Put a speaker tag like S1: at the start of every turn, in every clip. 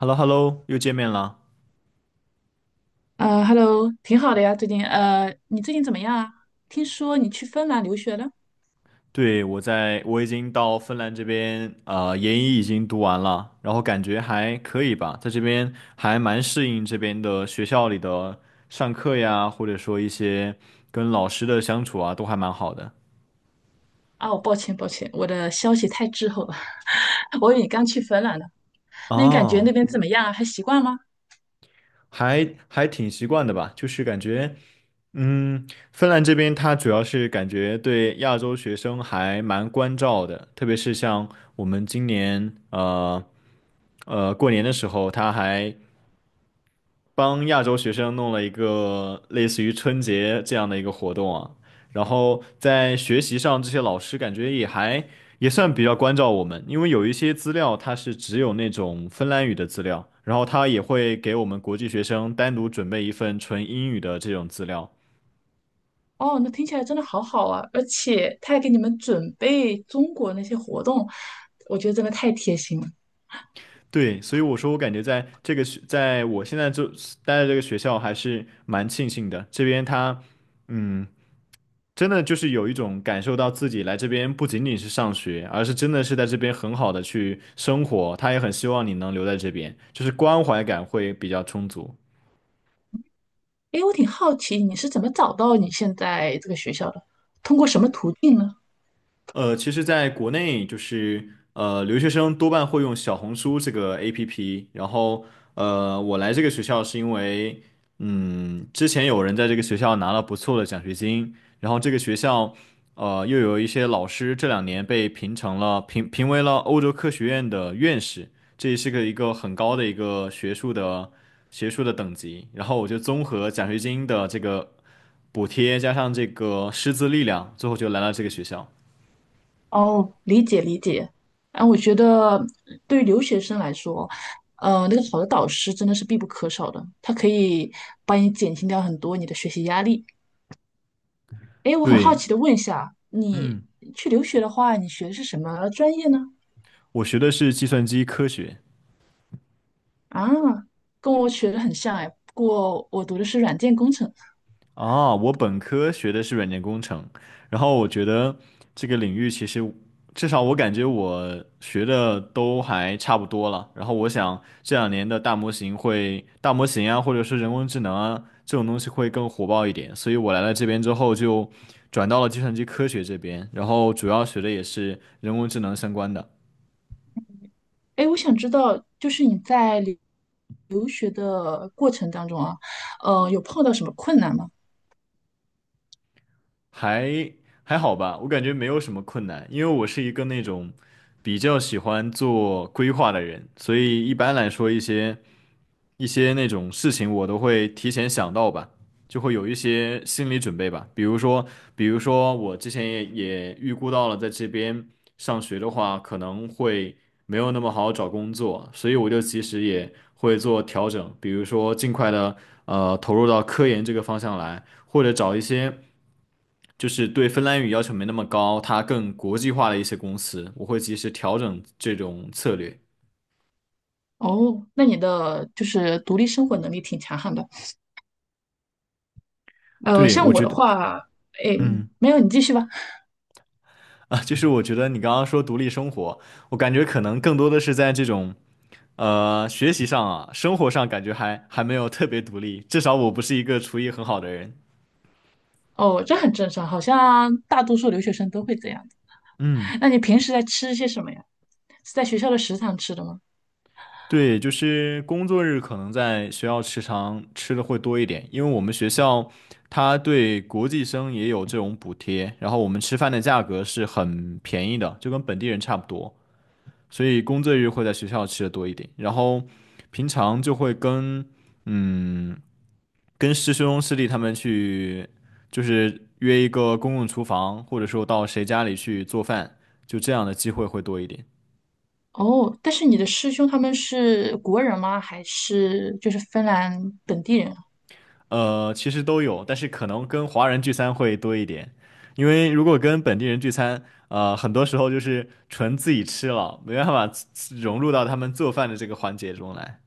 S1: h e l l o h e l l o 又见面了。
S2: Hello，挺好的呀，最近你最近怎么样啊？听说你去芬兰留学了？
S1: 对，我已经到芬兰这边，研一已经读完了，然后感觉还可以吧，在这边还蛮适应这边的学校里的上课呀，或者说一些跟老师的相处啊，都还蛮好的。
S2: 哦，抱歉抱歉，我的消息太滞后了，我以为你刚去芬兰呢。那你感觉
S1: 哦，
S2: 那边怎么样啊？还习惯吗？
S1: 还挺习惯的吧，就是感觉，嗯，芬兰这边它主要是感觉对亚洲学生还蛮关照的，特别是像我们今年，过年的时候，他还帮亚洲学生弄了一个类似于春节这样的一个活动啊，然后在学习上，这些老师感觉也算比较关照我们，因为有一些资料它是只有那种芬兰语的资料，然后他也会给我们国际学生单独准备一份纯英语的这种资料。
S2: 哦，那听起来真的好好啊，而且他还给你们准备中国那些活动，我觉得真的太贴心了。
S1: 对，所以我说我感觉在这个学，在我现在就待的这个学校还是蛮庆幸的，这边他嗯。真的就是有一种感受到自己来这边不仅仅是上学，而是真的是在这边很好的去生活。他也很希望你能留在这边，就是关怀感会比较充足。
S2: 诶，我挺好奇你是怎么找到你现在这个学校的，通过什么途径呢？
S1: 其实，在国内就是留学生多半会用小红书这个 APP。然后，我来这个学校是因为，之前有人在这个学校拿了不错的奖学金，然后这个学校，又有一些老师这两年被评为了欧洲科学院的院士，这也是一个很高的一个学术的等级。然后我就综合奖学金的这个补贴加上这个师资力量，最后就来了这个学校。
S2: 哦，理解理解。啊，我觉得对于留学生来说，那个好的导师真的是必不可少的，他可以帮你减轻掉很多你的学习压力。哎，我很好
S1: 对。
S2: 奇的问一下，你
S1: 嗯，
S2: 去留学的话，你学的是什么专业呢？
S1: 我学的是计算机科学
S2: 啊，跟我学的很像哎，不过我读的是软件工程。
S1: 啊，我本科学的是软件工程，然后我觉得这个领域其实至少我感觉我学的都还差不多了。然后我想这两年的大模型啊，或者是人工智能啊这种东西会更火爆一点，所以我来了这边之后就转到了计算机科学这边，然后主要学的也是人工智能相关的。
S2: 哎，我想知道，就是你在留学的过程当中啊，有碰到什么困难吗？
S1: 还还好吧，我感觉没有什么困难，因为我是一个那种比较喜欢做规划的人，所以一般来说一些那种事情我都会提前想到吧，就会有一些心理准备吧。比如说我之前也预估到了在这边上学的话，可能会没有那么好找工作，所以我就其实也会做调整，比如说尽快的投入到科研这个方向来，或者找一些。就是对芬兰语要求没那么高，它更国际化的一些公司，我会及时调整这种策略。
S2: 哦，那你的就是独立生活能力挺强悍的。
S1: 对，
S2: 像
S1: 我
S2: 我
S1: 觉
S2: 的
S1: 得，
S2: 话，哎，
S1: 嗯，
S2: 没有，你继续吧。
S1: 啊，就是我觉得你刚刚说独立生活，我感觉可能更多的是在这种，学习上啊，生活上感觉还没有特别独立，至少我不是一个厨艺很好的人。
S2: 哦，这很正常，好像大多数留学生都会这样。
S1: 嗯。
S2: 那你平时在吃些什么呀？是在学校的食堂吃的吗？
S1: 对，就是工作日可能在学校食堂吃的会多一点，因为我们学校它对国际生也有这种补贴，然后我们吃饭的价格是很便宜的，就跟本地人差不多，所以工作日会在学校吃的多一点，然后平常就会跟嗯跟师兄师弟他们去，就是约一个公共厨房，或者说到谁家里去做饭，就这样的机会会多一点。
S2: 哦，但是你的师兄他们是国人吗？还是就是芬兰本地人啊。
S1: 其实都有，但是可能跟华人聚餐会多一点，因为如果跟本地人聚餐，很多时候就是纯自己吃了，没办法自融入到他们做饭的这个环节中来。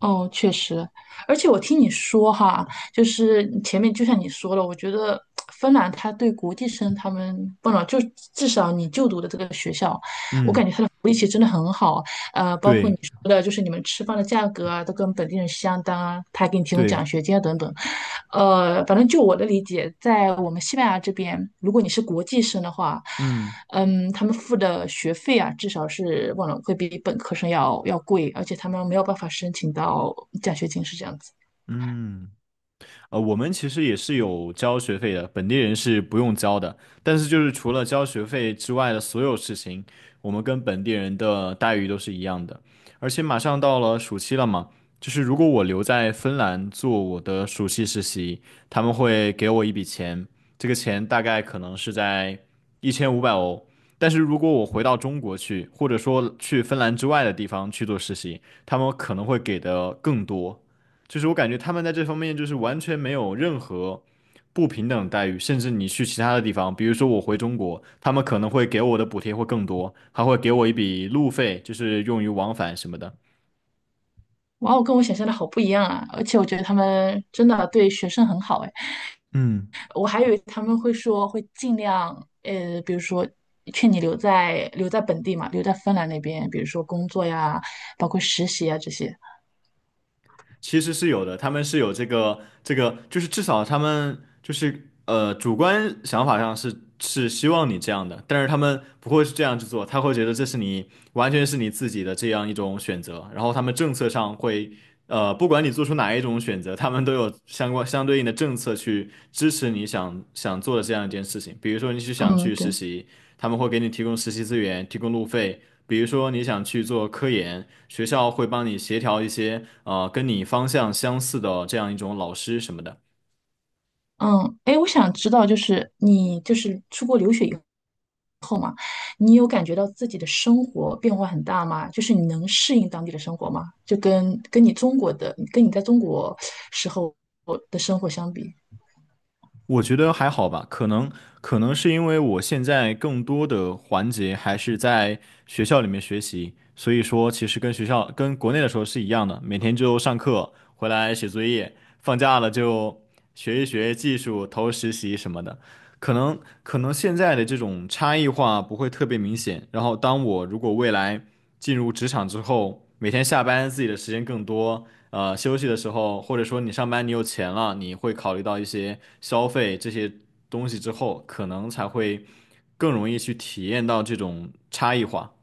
S2: 哦，确实，而且我听你说哈，就是你前面就像你说了，我觉得芬兰他对国际生他们，不能就至少你就读的这个学校，我
S1: 嗯，
S2: 感觉他的福利其实真的很好。包括你
S1: 对
S2: 说的，就是你们吃饭的价格啊，都跟本地人相当啊，他还给你提供
S1: 对，
S2: 奖学金啊，等等。反正就我的理解，在我们西班牙这边，如果你是国际生的话，
S1: 嗯
S2: 嗯，他们付的学费啊，至少是忘了会比本科生要贵，而且他们没有办法申请到奖学金，是这样子。
S1: 嗯。我们其实也是有交学费的，本地人是不用交的。但是就是除了交学费之外的所有事情，我们跟本地人的待遇都是一样的。而且马上到了暑期了嘛，就是如果我留在芬兰做我的暑期实习，他们会给我一笔钱，这个钱大概可能是在1500欧。但是如果我回到中国去，或者说去芬兰之外的地方去做实习，他们可能会给的更多。就是我感觉他们在这方面就是完全没有任何不平等待遇，甚至你去其他的地方，比如说我回中国，他们可能会给我的补贴会更多，还会给我一笔路费，就是用于往返什么的。
S2: 哇哦，跟我想象的好不一样啊！而且我觉得他们真的对学生很好哎。
S1: 嗯。
S2: 我还以为他们会说会尽量，比如说劝你留在本地嘛，留在芬兰那边，比如说工作呀，包括实习啊这些。
S1: 其实是有的，他们是有这个，就是至少他们就是主观想法上是希望你这样的，但是他们不会是这样去做，他会觉得这是你完全是你自己的这样一种选择，然后他们政策上会不管你做出哪一种选择，他们都有相对应的政策去支持你想做的这样一件事情，比如说你是想
S2: 嗯，
S1: 去实
S2: 对，
S1: 习，他们会给你提供实习资源，提供路费，比如说你想去做科研，学校会帮你协调一些跟你方向相似的这样一种老师什么的。
S2: 嗯，哎，我想知道，就是你就是出国留学以后，你有感觉到自己的生活变化很大吗？就是你能适应当地的生活吗？就跟你中国的，跟你在中国时候的生活相比。
S1: 我觉得还好吧，可能是因为我现在更多的环节还是在学校里面学习，所以说其实跟学校跟国内的时候是一样的，每天就上课，回来写作业，放假了就学一学技术，投实习什么的。可能可能现在的这种差异化不会特别明显，然后当我如果未来进入职场之后，每天下班自己的时间更多，休息的时候，或者说你上班你有钱了，你会考虑到一些消费这些东西之后，可能才会更容易去体验到这种差异化。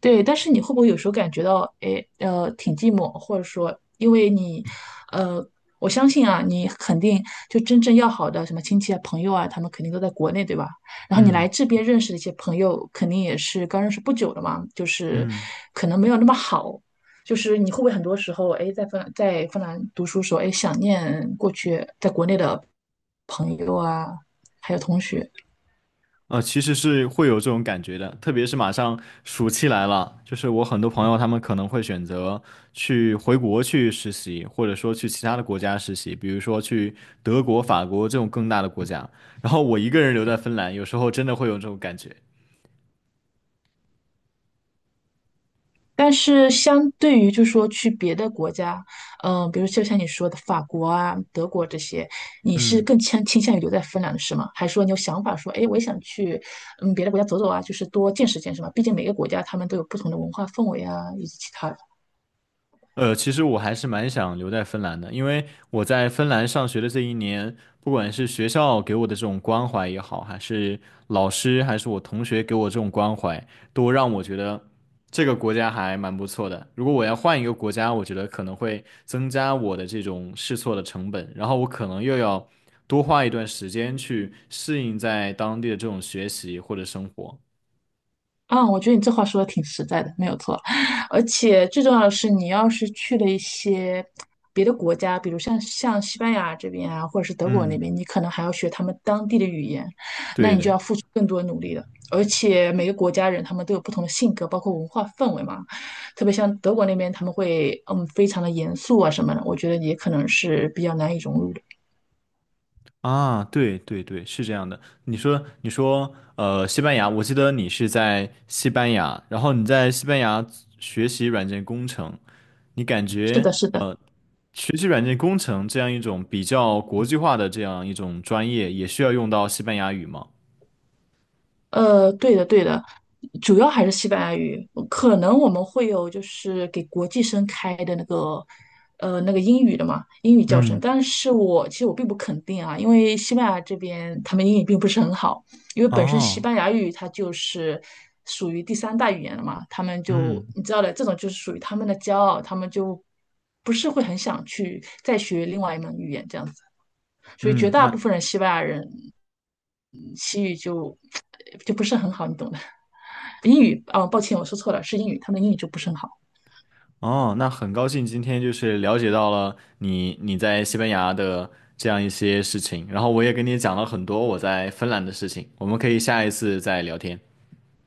S2: 对，但是你会不会有时候感觉到，哎，挺寂寞，或者说，因为你，呃，我相信啊，你肯定就真正要好的什么亲戚啊、朋友啊，他们肯定都在国内，对吧？然后你来
S1: 嗯
S2: 这边认识的一些朋友，肯定也是刚认识不久的嘛，就是
S1: 嗯。
S2: 可能没有那么好，就是你会不会很多时候，哎，在芬兰读书时候，哎，想念过去在国内的朋友啊，还有同学。
S1: 其实是会有这种感觉的，特别是马上暑期来了，就是我很多朋友他们可能会选择去回国去实习，或者说去其他的国家实习，比如说去德国、法国这种更大的国家。然后我一个人留在芬兰，有时候真的会有这种感觉。
S2: 但是相对于就说去别的国家，嗯、比如就像你说的法国啊、德国这些，你是
S1: 嗯。
S2: 更倾向于留在芬兰的是吗？还是说你有想法说，哎，我也想去嗯别的国家走走啊，就是多见识见识嘛？毕竟每个国家他们都有不同的文化氛围啊，以及其他的。
S1: 其实我还是蛮想留在芬兰的，因为我在芬兰上学的这一年，不管是学校给我的这种关怀也好，还是老师，还是我同学给我这种关怀，都让我觉得这个国家还蛮不错的。如果我要换一个国家，我觉得可能会增加我的这种试错的成本，然后我可能又要多花一段时间去适应在当地的这种学习或者生活。
S2: 啊，我觉得你这话说的挺实在的，没有错。而且最重要的是，你要是去了一些别的国家，比如像西班牙这边啊，或者是德国
S1: 嗯，
S2: 那边，你可能还要学他们当地的语言，那
S1: 对
S2: 你就
S1: 的。
S2: 要付出更多努力了。而且每个国家人他们都有不同的性格，包括文化氛围嘛。特别像德国那边，他们会嗯非常的严肃啊什么的，我觉得也可能是比较难以融入的。
S1: 啊，对对对，是这样的。你说，西班牙，我记得你是在西班牙，然后你在西班牙学习软件工程，你感
S2: 是
S1: 觉，
S2: 的，是的。
S1: 学习软件工程这样一种比较国际化的这样一种专业，也需要用到西班牙语吗？
S2: 对的，对的，主要还是西班牙语。可能我们会有就是给国际生开的那个，那个英语的嘛，英语教程。
S1: 嗯，
S2: 但是我其实我并不肯定啊，因为西班牙这边他们英语并不是很好，因为本身西
S1: 哦，
S2: 班牙语它就是属于第三大语言了嘛，他们就
S1: 嗯
S2: 你知道的，这种就是属于他们的骄傲，他们就不是会很想去再学另外一门语言这样子。所以绝
S1: 嗯，
S2: 大部分人西班牙人嗯西语就 就不是很好，你懂的。英语啊，哦，抱歉，我说错了，是英语，他们英语就不是很好。
S1: 那很高兴今天就是了解到了你在西班牙的这样一些事情，然后我也跟你讲了很多我在芬兰的事情，我们可以下一次再聊天。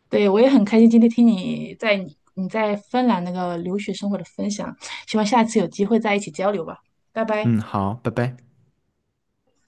S2: 对，我也很开心今天听你在你在芬兰那个留学生活的分享，希望下次有机会再一起交流吧，拜拜。
S1: 嗯，好，拜拜。